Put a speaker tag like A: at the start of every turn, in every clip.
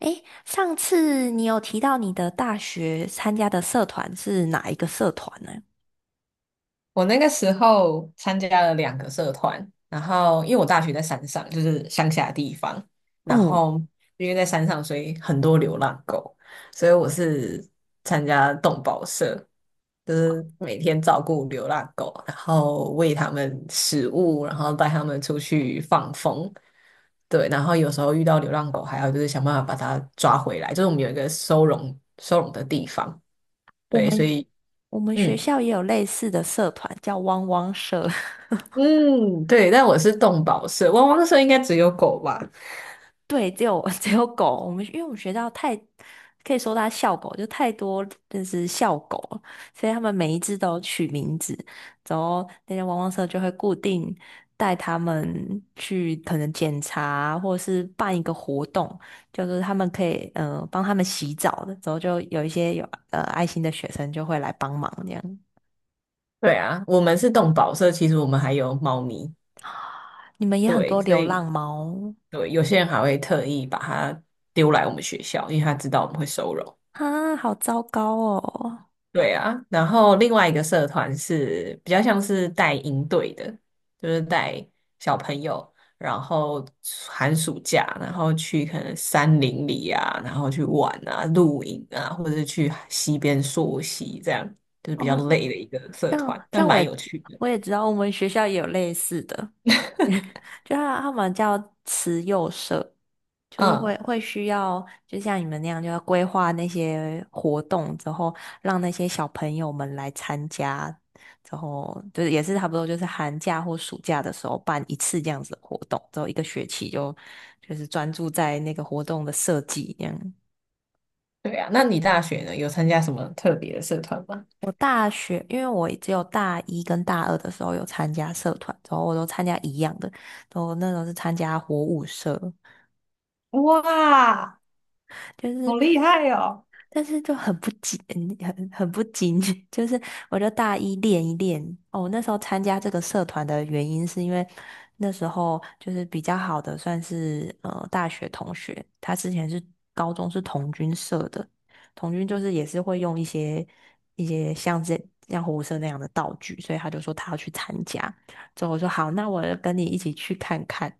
A: 诶，上次你有提到你的大学参加的社团是哪一个社团呢？
B: 我那个时候参加了两个社团，然后因为我大学在山上，就是乡下地方，然
A: 嗯。
B: 后因为在山上，所以很多流浪狗，所以我是参加动保社，就是每天照顾流浪狗，然后喂它们食物，然后带它们出去放风。对，然后有时候遇到流浪狗，还要就是想办法把它抓回来，就是我们有一个收容的地方，
A: 我
B: 对，所
A: 们
B: 以。
A: 我们学
B: 嗯。
A: 校也有类似的社团，叫汪汪社。
B: 嗯，对，但我是动保社，汪汪社应该只有狗吧？
A: 对，只有 只有狗。我们因为我们学校太，可以说它校狗，就太多，就是校狗了，所以他们每一只都有取名字。然后那些汪汪社就会固定带他们去可能检查或者是办一个活动，就是他们可以帮他们洗澡的，然后就有一些有爱心的学生就会来帮忙这样。
B: 对啊，我们是动保社，其实我们还有猫咪，
A: 你们也很多
B: 对，所
A: 流
B: 以
A: 浪猫
B: 对，有些人还会特意把它丢来我们学校，因为他知道我们会收容。
A: 啊。好糟糕哦！
B: 对啊，然后另外一个社团是比较像是带营队的，就是带小朋友，然后寒暑假，然后去可能山林里啊，然后去玩啊、露营啊，或者是去溪边溯溪，这样就是比
A: 哦，
B: 较累的一个社
A: 这样
B: 团，
A: 这
B: 但
A: 样我
B: 蛮
A: 也
B: 有趣的。
A: 我也知道，我们学校也有类似的。就他们叫慈幼社，就是会
B: 嗯，
A: 会需要，就像你们那样，就要规划那些活动之后，让那些小朋友们来参加，之后就是也是差不多，就是寒假或暑假的时候办一次这样子的活动，之后一个学期就是专注在那个活动的设计这样。
B: 对啊，那你大学呢，有参加什么特别的社团吗？
A: 我大学，因为我只有大一跟大二的时候有参加社团，然后我都参加一样的，然后那时候是参加活舞社，
B: 哇，
A: 就是。
B: 好厉害哦！
A: 但是就很不紧，很不紧，就是我就大一练一练。哦，那时候参加这个社团的原因是因为那时候就是比较好的，算是大学同学，他之前是高中是童军社的。童军就是也是会用一些像火舞社那样的道具，所以他就说他要去参加。之后我说好，那我就跟你一起去看看。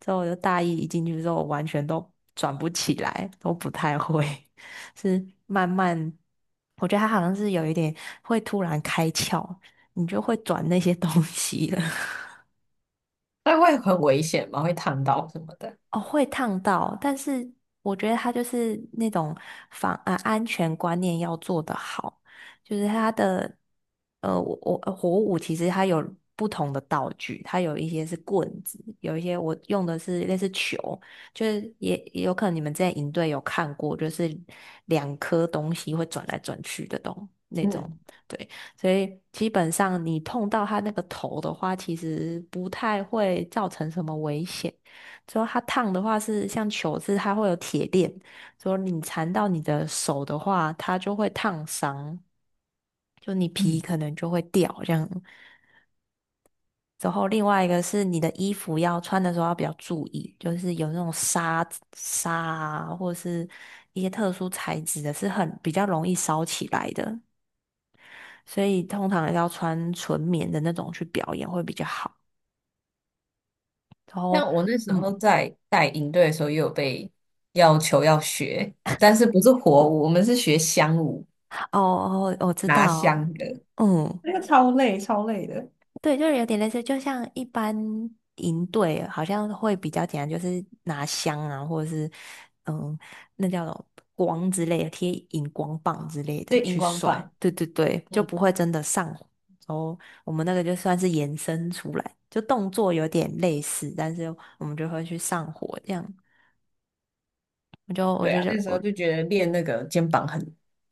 A: 之后我就大一一进去之后，我完全都转不起来，都不太会。是慢慢，我觉得他好像是有一点会突然开窍，你就会转那些东西了。
B: 那会很危险吗？会烫到什么的？
A: 哦，会烫到，但是我觉得他就是那种安全观念要做得好，就是他的呃，我我呃火舞其实它有不同的道具。它有一些是棍子，有一些我用的是类似球，就是也有可能你们之前营队有看过，就是两颗东西会转来转去的那种。
B: 嗯。
A: 对，所以基本上你碰到他那个头的话，其实不太会造成什么危险。之后它烫的话是像球子，它会有铁链，之后你缠到你的手的话，它就会烫伤，就你皮
B: 嗯，
A: 可能就会掉这样。之后另外一个是你的衣服要穿的时候要比较注意，就是有那种纱啊，或者是一些特殊材质的，是很比较容易烧起来的，所以通常要穿纯棉的那种去表演会比较好。然后。
B: 像我那时候
A: 嗯。
B: 在带营队的时候，也有被要求要学，但是不是火舞，我们是学香舞，
A: 哦哦，我知
B: 拿
A: 道。
B: 香的，
A: 嗯。
B: 那个超累，超累的。
A: 对，就是有点类似，就像一般营队好像会比较简单，就是拿香啊，或者是嗯，那叫什么光之类的，贴荧光棒之类的
B: 对，荧
A: 去
B: 光
A: 甩。
B: 棒。
A: 对对对，就
B: 嗯，
A: 不会真的上火。然后我们那个就算是延伸出来，就动作有点类似，但是我们就会去上火这样。我就我
B: 对
A: 就
B: 啊，
A: 就
B: 那时候
A: 我
B: 就觉得练那个肩膀很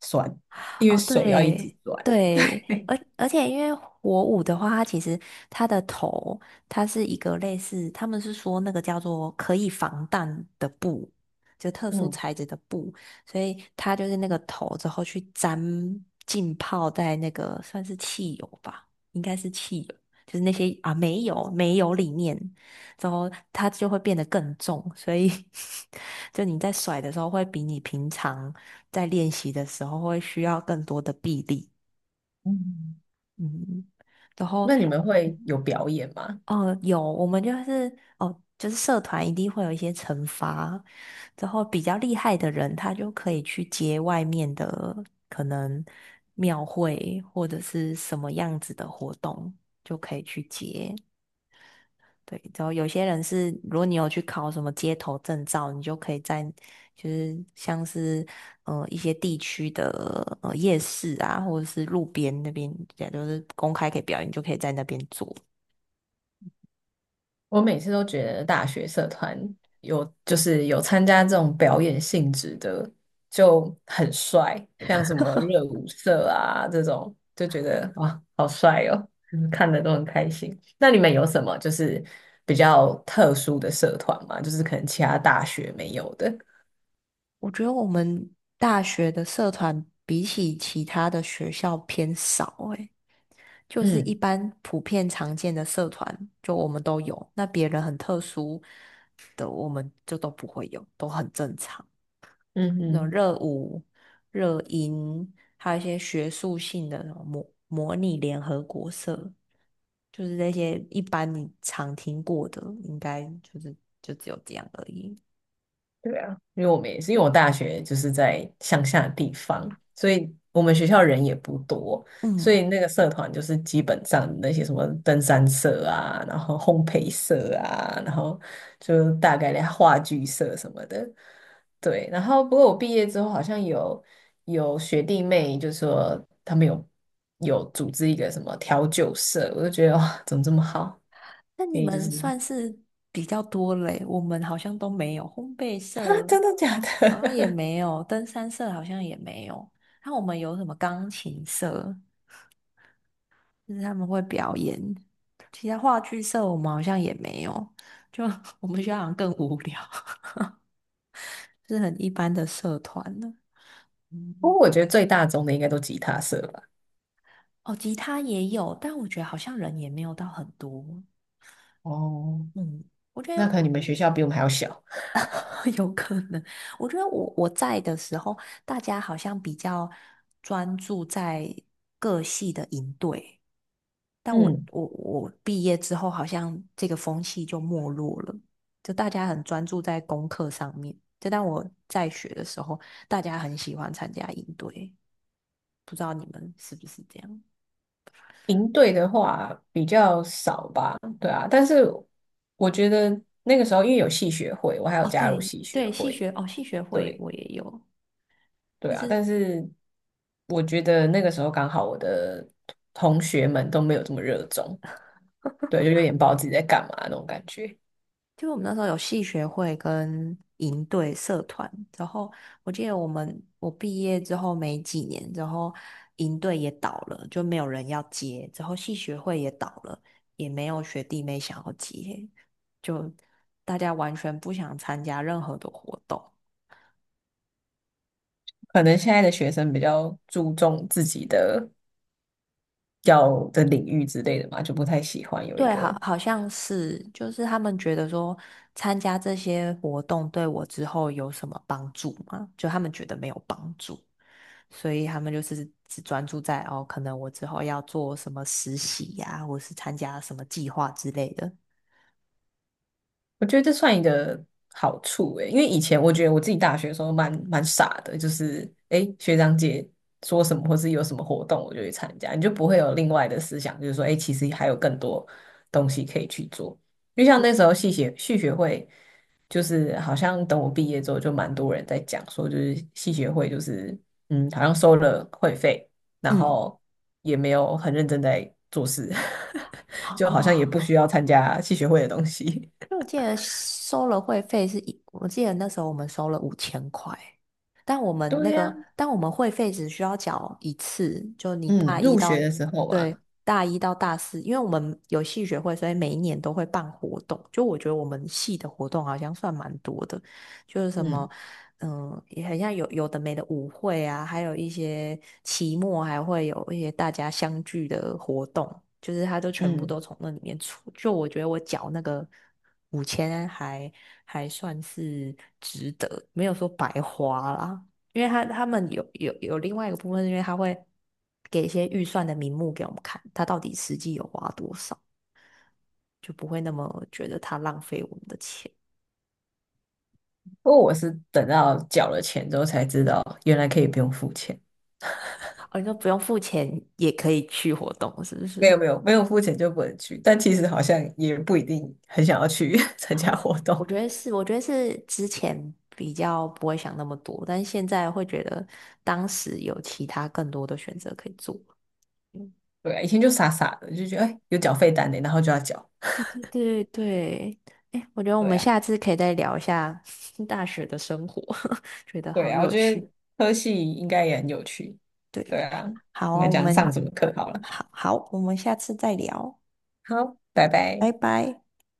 B: 酸，因为
A: 哦，
B: 手要一直
A: 对
B: 转。
A: 对。而且因为火舞的话，它其实它的头，它是一个类似，他们是说那个叫做可以防弹的布，就特殊
B: 嗯。
A: 材质的布，所以它就是那个头之后去沾浸泡在那个算是汽油吧，应该是汽油，就是那些啊煤油里面，之后它就会变得更重，所以 就你在甩的时候会比你平常。在练习的时候会需要更多的臂力。
B: 嗯，
A: 嗯。然后，
B: 那你们会
A: 嗯，
B: 有表演吗？
A: 哦，有，我们就是哦，就是社团一定会有一些惩罚。然后比较厉害的人，他就可以去接外面的可能庙会或者是什么样子的活动，就可以去接。对，然后有些人是，如果你有去考什么街头证照，你就可以在就是像是一些地区的夜市啊，或者是路边那边，也就是公开可以表演，你就可以在那边做。
B: 我每次都觉得大学社团有就是有参加这种表演性质的就很帅，像什么热舞社啊这种，就觉得哇好帅哦，嗯看的都很开心。那你们有什么就是比较特殊的社团吗？就是可能其他大学没有的？
A: 我觉得我们大学的社团比起其他的学校偏少诶，就是一
B: 嗯。
A: 般普遍常见的社团，就我们都有，那别人很特殊的我们就都不会有，都很正常。
B: 嗯
A: 那种
B: 哼。
A: 热舞、热音，还有一些学术性的那种模拟联合国社，就是那些一般你常听过的，应该就只有这样而已。
B: 对啊，因为我们也是，因为我大学就是在乡下的地方，所以我们学校人也不多，所
A: 嗯，
B: 以那个社团就是基本上那些什么登山社啊，然后烘焙社啊，然后就大概的话剧社什么的，对。然后不过我毕业之后好像有学弟妹就说他们有组织一个什么调酒社，我就觉得哇，怎么这么好？
A: 那
B: 可
A: 你
B: 以就
A: 们
B: 是
A: 算是比较多嘞，我们好像都没有烘焙
B: 啊，
A: 社，
B: 真的假
A: 好像也
B: 的？
A: 没有登山社，好像也没有。那我们有什么钢琴社？就是他们会表演。其他话剧社我们好像也没有，就 我们学校好像更无聊，是很一般的社团呢。
B: 不
A: 嗯。
B: 过我觉得最大宗的应该都吉他社吧。
A: 哦，吉他也有，但我觉得好像人也没有到很多。
B: 哦，
A: 嗯，我觉得
B: 那可能你
A: 我
B: 们学校比我们还要小。
A: 有可能，我觉得我在的时候，大家好像比较专注在各系的营队。但我
B: 嗯，
A: 我我毕业之后，好像这个风气就没落了，就大家很专注在功课上面。就当我在学的时候，大家很喜欢参加营队，不知道你们是不是这样？
B: 营队的话比较少吧，对啊，但是我觉得那个时候因为有戏学会，我还有
A: 哦，
B: 加入
A: 对
B: 戏学
A: 对，
B: 会，
A: 戏学会
B: 对。
A: 我也有，
B: 对
A: 就
B: 啊，
A: 是
B: 但是我觉得那个时候刚好我的同学们都没有这么热衷，对，就有点不知道自己在干嘛那种感觉。
A: 就我们那时候有系学会跟营队社团，然后我记得我毕业之后没几年，然后营队也倒了，就没有人要接，之后系学会也倒了，也没有学弟妹想要接，就大家完全不想参加任何的活动。
B: 可能现在的学生比较注重自己的要的领域之类的嘛，就不太喜欢有一
A: 对，好，
B: 个。
A: 好像是，就是他们觉得说参加这些活动对我之后有什么帮助吗？就他们觉得没有帮助，所以他们就是只专注在可能我之后要做什么实习呀、或是参加什么计划之类的。
B: 我觉得这算一个好处诶，因为以前我觉得我自己大学的时候蛮傻的，就是诶学长姐说什么或是有什么活动，我就去参加，你就不会有另外的思想，就是说诶其实还有更多东西可以去做。就像那时候系学会，就是好像等我毕业之后，就蛮多人在讲说，就是系学会就是嗯，好像收了会费，然
A: 嗯，
B: 后也没有很认真在做事，
A: 好
B: 就好像也
A: 哦，
B: 不需要参加系学会的东西。
A: 因为我记得收了会费我记得那时候我们收了5000块，
B: 对呀、
A: 但我们会费只需要缴一次。就你
B: 嗯，
A: 大一
B: 入学
A: 到，
B: 的时候
A: 对，
B: 嘛。
A: 大一到大四，因为我们有系学会，所以每一年都会办活动。就我觉得我们系的活动好像算蛮多的，就是什么
B: 嗯。
A: 也很像有的没的舞会啊，还有一些期末还会有一些大家相聚的活动，就是他都全部
B: 嗯，
A: 都从那里面出。就我觉得我缴那个五千还算是值得，没有说白花啦。因为他们有另外一个部分，因为他会给一些预算的名目给我们看，他到底实际有花多少，就不会那么觉得他浪费我们的钱。
B: 不过我是等到缴了钱之后才知道，原来可以不用付钱。
A: 哦，你说不用付钱也可以去活动，是不
B: 没
A: 是？
B: 有没有没有付钱就不能去，但其实好像也不一定很想要去 参加活动。
A: 我觉得是，我觉得是之前比较不会想那么多，但是现在会觉得当时有其他更多的选择可以做。嗯，
B: 对啊，以前就傻傻的就觉得哎有缴费单呢，然后就要缴。
A: 对对对对。哎，我觉得我
B: 对
A: 们
B: 啊
A: 下次可以再聊一下 大学的生活，觉得
B: 对
A: 好
B: 啊，我
A: 有
B: 觉
A: 趣。
B: 得科系应该也很有趣。对
A: 对，
B: 啊，
A: 好
B: 我
A: 啊，
B: 们讲上什么课好了。
A: 好好，我们下次再聊，
B: 好，拜拜。
A: 拜拜。